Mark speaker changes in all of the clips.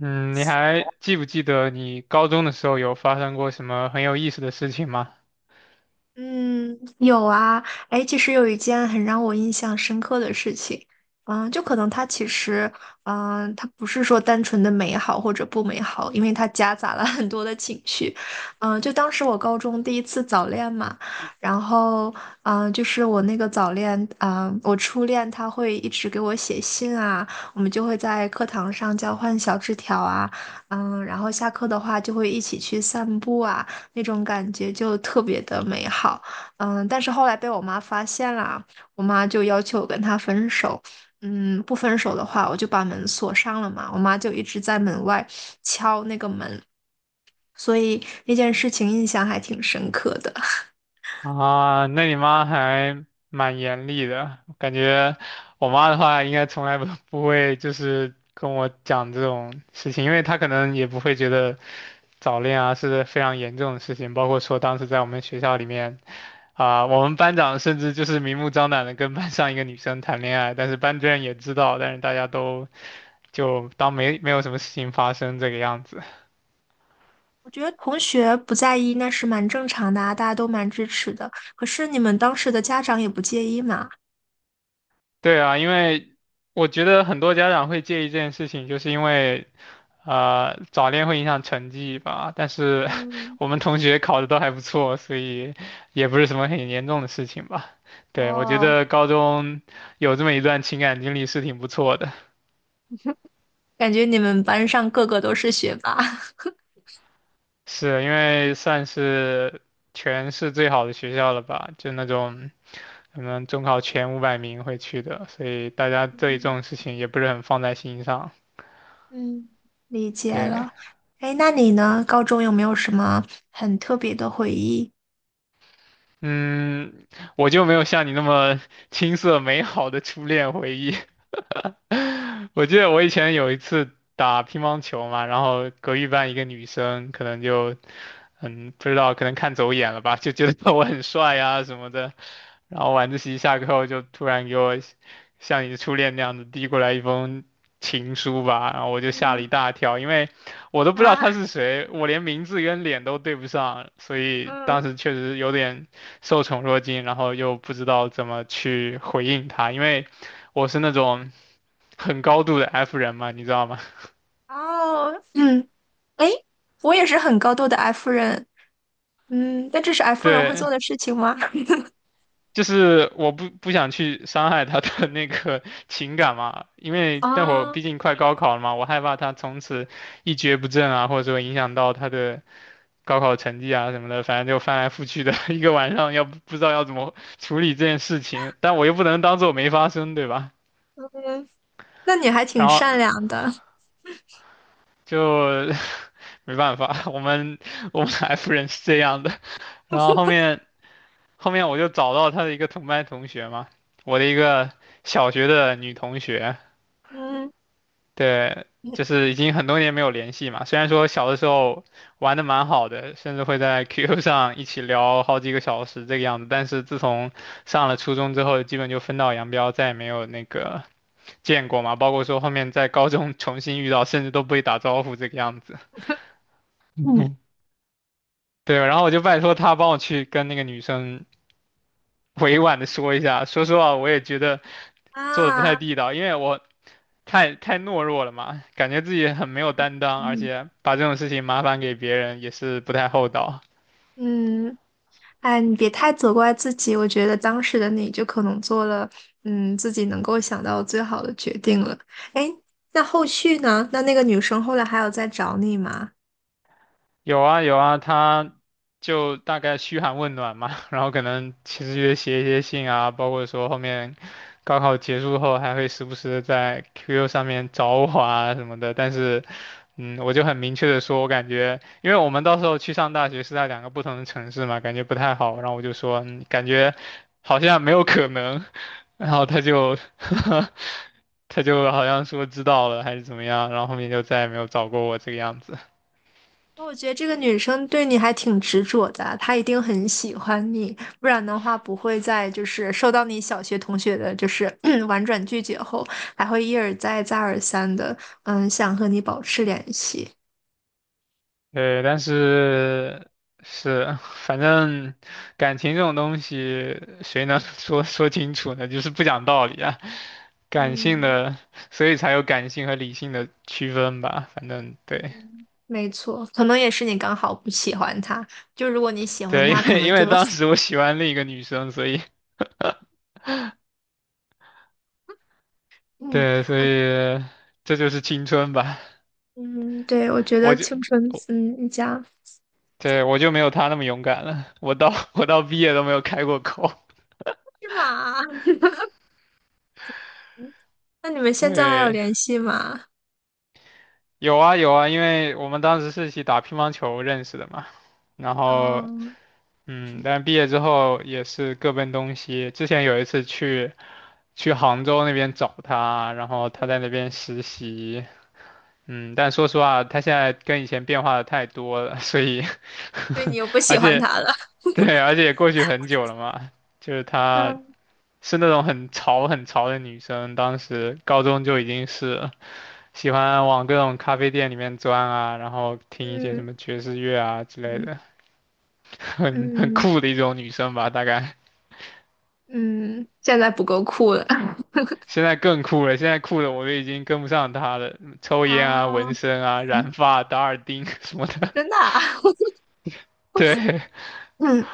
Speaker 1: 嗯，你还记不记得你高中的时候有发生过什么很有意思的事情吗？
Speaker 2: 嗯，有啊，哎，其实有一件很让我印象深刻的事情，就可能它其实，它不是说单纯的美好或者不美好，因为它夹杂了很多的情绪，就当时我高中第一次早恋嘛，然后，就是我那个早恋，我初恋他会一直给我写信啊，我们就会在课堂上交换小纸条啊，然后下课的话就会一起去散步啊。那种感觉就特别的美好。但是后来被我妈发现了，我妈就要求我跟她分手。不分手的话，我就把门锁上了嘛。我妈就一直在门外敲那个门，所以那件事情印象还挺深刻的。
Speaker 1: 啊，那你妈还蛮严厉的，感觉我妈的话应该从来不 不会就是跟我讲这种事情，因为她可能也不会觉得早恋啊是非常严重的事情，包括说当时在我们学校里面，啊、我们班长甚至就是明目张胆的跟班上一个女生谈恋爱，但是班主任也知道，但是大家都就当没有什么事情发生这个样子。
Speaker 2: 我觉得同学不在意那是蛮正常的啊，大家都蛮支持的。可是你们当时的家长也不介意嘛？
Speaker 1: 对啊，因为我觉得很多家长会介意这件事情，就是因为。啊，早恋会影响成绩吧，但是 我们同学考的都还不错，所以也不是什么很严重的事情吧。对，我觉
Speaker 2: 哦，
Speaker 1: 得高中有这么一段情感经历是挺不错的，
Speaker 2: 感觉你们班上个个都是学霸。
Speaker 1: 是因为算是全市最好的学校了吧，就那种可能中考前500名会去的，所以大家对这
Speaker 2: 嗯
Speaker 1: 种事情也不是很放在心上。
Speaker 2: 嗯，理解
Speaker 1: 对，
Speaker 2: 了。哎，那你呢？高中有没有什么很特别的回忆？
Speaker 1: 嗯，我就没有像你那么青涩美好的初恋回忆。我记得我以前有一次打乒乓球嘛，然后隔壁班一个女生可能就，不知道，可能看走眼了吧，就觉得 我很帅呀、什么的。然后晚自习下课后就突然给我像你的初恋那样子递过来一封情书吧，然后我就吓了一大跳，因为我都不知道他是谁，我连名字跟脸都对不上，所以当时确实有点受宠若惊，然后又不知道怎么去回应他，因为我是那种。很高度的 F 人嘛，你知道吗？
Speaker 2: 哦，嗯，哎，我也是很高度的 F 人，嗯，但这是 F 人会
Speaker 1: 对，
Speaker 2: 做的事情吗？
Speaker 1: 就是我不想去伤害他的那个情感嘛，因为待会儿
Speaker 2: 啊，
Speaker 1: 毕竟快高考了嘛，我害怕他从此一蹶不振啊，或者说影响到他的高考成绩啊什么的，反正就翻来覆去的一个晚上，要不不知道要怎么处理这件事情，但我又不能当做没发生，对吧？
Speaker 2: 嗯，那你还
Speaker 1: 然
Speaker 2: 挺
Speaker 1: 后
Speaker 2: 善良的，
Speaker 1: 就 没办法，我们 F 人是这样的，然后后面。后面我就找到他的一个同班同学嘛，我的一个小学的女同学，
Speaker 2: 嗯
Speaker 1: 对，
Speaker 2: 嗯
Speaker 1: 就是已经很多年没有联系嘛。虽然说小的时候玩的蛮好的，甚至会在 QQ 上一起聊好几个小时这个样子，但是自从上了初中之后，基本就分道扬镳，再也没有那个见过嘛。包括说后面在高中重新遇到，甚至都不会打招呼这个样子。
Speaker 2: 嗯
Speaker 1: 对，然后我就拜托他帮我去跟那个女生委婉的说一下，说实话，我也觉得。做的不太
Speaker 2: 啊，
Speaker 1: 地道，因为我太懦弱了嘛，感觉自己很没有担当，而
Speaker 2: 嗯
Speaker 1: 且把这种事情麻烦给别人也是不太厚道。
Speaker 2: 嗯，哎，你别太责怪自己，我觉得当时的你就可能做了，自己能够想到最好的决定了。哎，那后续呢？那个女生后来还有再找你吗？
Speaker 1: 有啊有啊，他就大概嘘寒问暖嘛，然后可能其实也写一些信啊，包括说后面高考结束后还会时不时的在 QQ 上面找我啊什么的，但是，我就很明确的说，我感觉，因为我们到时候去上大学是在两个不同的城市嘛，感觉不太好，然后我就说，感觉好像没有可能，然后他就 他就好像说知道了还是怎么样，然后后面就再也没有找过我这个样子。
Speaker 2: 那我觉得这个女生对你还挺执着的，她一定很喜欢你，不然的话不会在就是受到你小学同学的就是 婉转拒绝后，还会一而再再而三的，想和你保持联系。
Speaker 1: 对，但是是，反正感情这种东西，谁能 说说清楚呢？就是不讲道理啊，感性
Speaker 2: 嗯。
Speaker 1: 的，所以才有感性和理性的区分吧。反正对
Speaker 2: 没错，可能也是你刚好不喜欢他。就如果你喜欢
Speaker 1: 对，因
Speaker 2: 他，可
Speaker 1: 为
Speaker 2: 能
Speaker 1: 因
Speaker 2: 就
Speaker 1: 为当时我喜欢另一个女生，所以
Speaker 2: 嗯，
Speaker 1: 对，所以这就是青春吧。
Speaker 2: 嗯，对，我觉
Speaker 1: 我
Speaker 2: 得
Speaker 1: 就
Speaker 2: 青春，
Speaker 1: 我
Speaker 2: 嗯，一家
Speaker 1: 对我就没有她那么勇敢了，我到 我到毕业都没有开过口。
Speaker 2: 是吗？那你们 现在还有
Speaker 1: 对。
Speaker 2: 联系吗？
Speaker 1: 有啊有啊，因为我们当时是一起打乒乓球认识的嘛，然后
Speaker 2: 嗯
Speaker 1: 但毕业之后也是各奔东西。之前有一次去杭州那边找他，然后他
Speaker 2: 嗯，
Speaker 1: 在那边实习，但说实话，他现在跟以前变化的太多了，所以
Speaker 2: 所以你又不
Speaker 1: 而
Speaker 2: 喜欢
Speaker 1: 且
Speaker 2: 他了。
Speaker 1: 对，而且也过去很久了嘛，就是 她
Speaker 2: 嗯
Speaker 1: 是那种很潮很潮的女生，当时高中就已经是。喜欢往各种咖啡店里面钻啊，然后听一些什
Speaker 2: 嗯
Speaker 1: 么爵士乐啊之类的，
Speaker 2: 嗯
Speaker 1: 很很
Speaker 2: 嗯
Speaker 1: 酷的一种女生吧，大概。
Speaker 2: 嗯，现在不够酷了。
Speaker 1: 现在更酷了，现在酷的我都已经跟不上她了，抽烟啊、
Speaker 2: 啊，
Speaker 1: 纹身啊、
Speaker 2: 嗯
Speaker 1: 染发、打耳钉 什么的。
Speaker 2: 真的啊，
Speaker 1: 对，
Speaker 2: 嗯，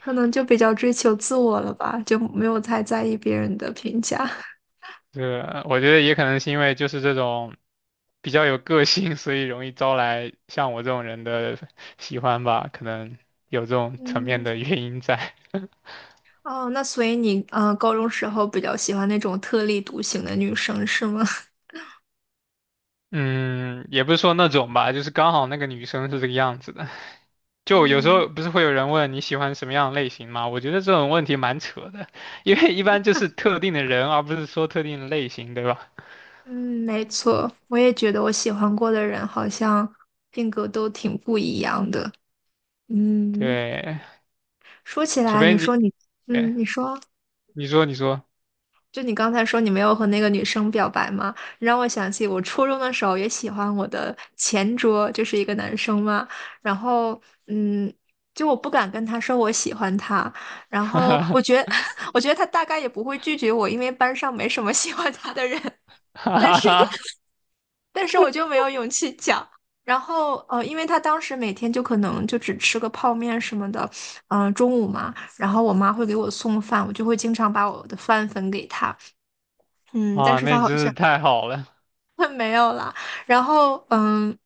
Speaker 2: 可能就比较追求自我了吧，就没有太在意别人的评价。
Speaker 1: 对，我觉得也可能是因为就是这种比较有个性，所以容易招来像我这种人的喜欢吧，可能有这种层面
Speaker 2: 嗯。
Speaker 1: 的原因在。
Speaker 2: 哦，那所以你高中时候比较喜欢那种特立独行的女生是吗？
Speaker 1: 嗯，也不是说那种吧，就是刚好那个女生是这个样子的。就有时
Speaker 2: 嗯
Speaker 1: 候不是会有人问你喜欢什么样的类型吗？我觉得这种问题蛮扯的，因为一般就是特定的人，而不是说特定的类型，对吧？
Speaker 2: 嗯，没错，我也觉得我喜欢过的人好像性格都挺不一样的。嗯，
Speaker 1: 对，
Speaker 2: 说起
Speaker 1: 除
Speaker 2: 来，
Speaker 1: 非
Speaker 2: 你说
Speaker 1: 你，
Speaker 2: 你，
Speaker 1: 对，
Speaker 2: 你说。
Speaker 1: 你说你说，
Speaker 2: 就你刚才说你没有和那个女生表白吗？让我想起我初中的时候也喜欢我的前桌，就是一个男生嘛。然后，嗯，就我不敢跟他说我喜欢他。然后
Speaker 1: 哈
Speaker 2: 我觉得，我觉得他大概也不会拒绝我，因为班上没什么喜欢他的人。但
Speaker 1: 哈
Speaker 2: 是，
Speaker 1: 哈，
Speaker 2: 但是我就没有勇气讲。然后，因为他当时每天就可能就只吃个泡面什么的，嗯、中午嘛，然后我妈会给我送饭，我就会经常把我的饭分给他，嗯，但
Speaker 1: 哇，
Speaker 2: 是
Speaker 1: 那
Speaker 2: 他
Speaker 1: 你
Speaker 2: 好
Speaker 1: 真是
Speaker 2: 像。
Speaker 1: 太好了，
Speaker 2: 没有啦。然后，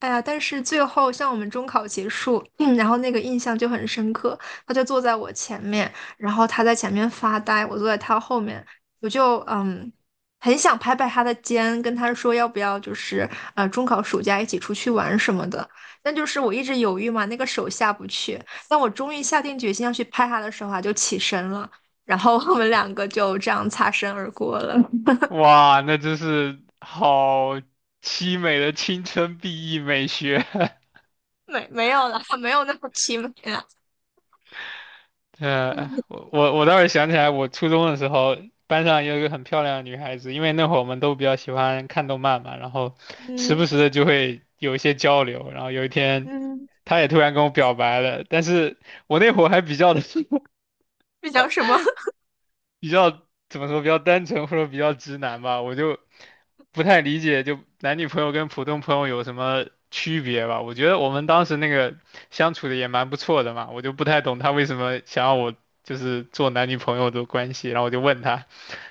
Speaker 2: 哎呀，但是最后像我们中考结束，然后那个印象就很深刻。他就坐在我前面，然后他在前面发呆，我坐在他后面，我就很想拍拍他的肩，跟他说要不要就是中考暑假一起出去玩什么的。但就是我一直犹豫嘛，那个手下不去。当我终于下定决心要去拍他的时候啊，就起身了，然后我们两个就这样擦身而过了。
Speaker 1: 哇，那真是好凄美的青春 BE 美学，
Speaker 2: 没有啦，没有那么凄美啦。
Speaker 1: 我倒是想起来，我初中的时候，班上有一个很漂亮的女孩子，因为那会儿我们都比较喜欢看动漫嘛，然后时
Speaker 2: 嗯
Speaker 1: 不时的就会有一些交流，然后有一天
Speaker 2: 嗯，
Speaker 1: 她也突然跟我表白了，但是我那会儿还比较的
Speaker 2: 这叫什么？
Speaker 1: 比较怎么说，比较单纯或者比较直男吧，我就不太理解，就男女朋友跟普通朋友有什么区别吧？我觉得我们当时那个相处的也蛮不错的嘛，我就不太懂他为什么想要我就是做男女朋友的关系，然后我就问他，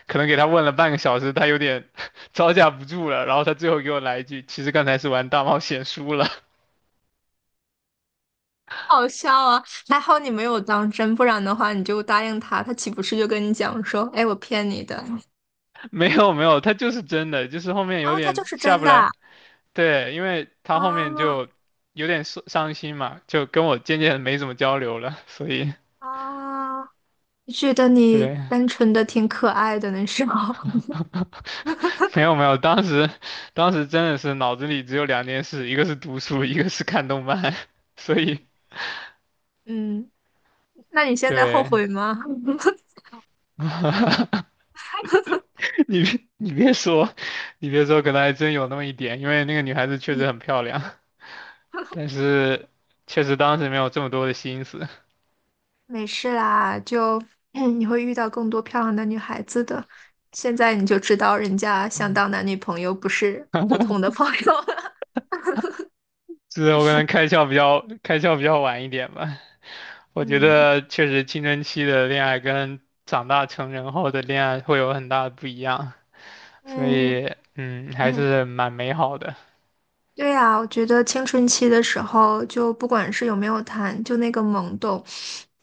Speaker 1: 可能给他问了半个小时，他有点 招架不住了，然后他最后给我来一句，其实刚才是玩大冒险输了，
Speaker 2: 好笑啊！还好你没有当真，不然的话你就答应他，他岂不是就跟你讲说，哎，我骗你的，
Speaker 1: 没有没有，他就是真的，就是后面
Speaker 2: 然
Speaker 1: 有
Speaker 2: 后他就
Speaker 1: 点
Speaker 2: 是
Speaker 1: 下
Speaker 2: 真
Speaker 1: 不
Speaker 2: 的
Speaker 1: 来。对，因为他后面
Speaker 2: 啊
Speaker 1: 就有点伤心嘛，就跟我渐渐没怎么交流了，所以
Speaker 2: 啊！觉得你
Speaker 1: 对，
Speaker 2: 单纯的挺可爱的那时候，
Speaker 1: 没有没有，当时真的是脑子里只有两件事，一个是读书，一个是看动漫，所以
Speaker 2: 嗯，那你现在后
Speaker 1: 对
Speaker 2: 悔吗？
Speaker 1: 你别说，你别说，可能还真有那么一点，因为那个女孩子确实很漂亮，但是确实当时没有这么多的心思，
Speaker 2: 没事啦，就 你会遇到更多漂亮的女孩子的。现在你就知道人家想
Speaker 1: 嗯
Speaker 2: 当男女朋友，不是普通的 朋友了
Speaker 1: 是我可能开窍比较晚一点吧，我觉
Speaker 2: 嗯
Speaker 1: 得确实青春期的恋爱跟长大成人后的恋爱会有很大的不一样，所
Speaker 2: 嗯
Speaker 1: 以还
Speaker 2: 嗯，
Speaker 1: 是蛮美好的。
Speaker 2: 对呀，我觉得青春期的时候，就不管是有没有谈，就那个懵懂，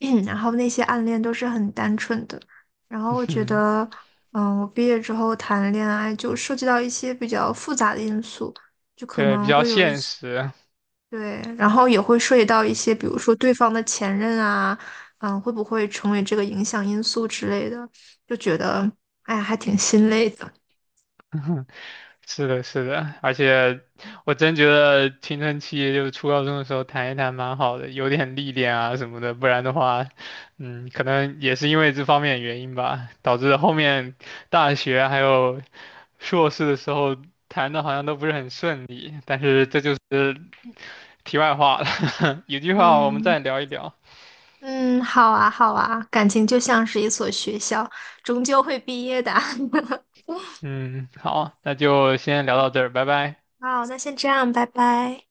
Speaker 2: 然后那些暗恋都是很单纯的。然后我 觉
Speaker 1: 嗯
Speaker 2: 得，我毕业之后谈恋爱就涉及到一些比较复杂的因素，就可
Speaker 1: 对，比
Speaker 2: 能
Speaker 1: 较
Speaker 2: 会有一
Speaker 1: 现
Speaker 2: 些。
Speaker 1: 实。
Speaker 2: 对，然后也会涉及到一些，比如说对方的前任啊，会不会成为这个影响因素之类的，就觉得，哎呀，还挺心累的。
Speaker 1: 是的，是的，而且我真觉得青春期就是初高中的时候谈一谈蛮好的，有点历练啊什么的，不然的话，可能也是因为这方面的原因吧，导致后面大学还有硕士的时候谈的好像都不是很顺利，但是这就是题外话了，有句话我们
Speaker 2: 嗯
Speaker 1: 再聊一聊。
Speaker 2: 嗯，好啊好啊，感情就像是一所学校，终究会毕业的。
Speaker 1: 嗯，好，那就先聊到这儿，拜拜。
Speaker 2: 好，那先这样，拜拜。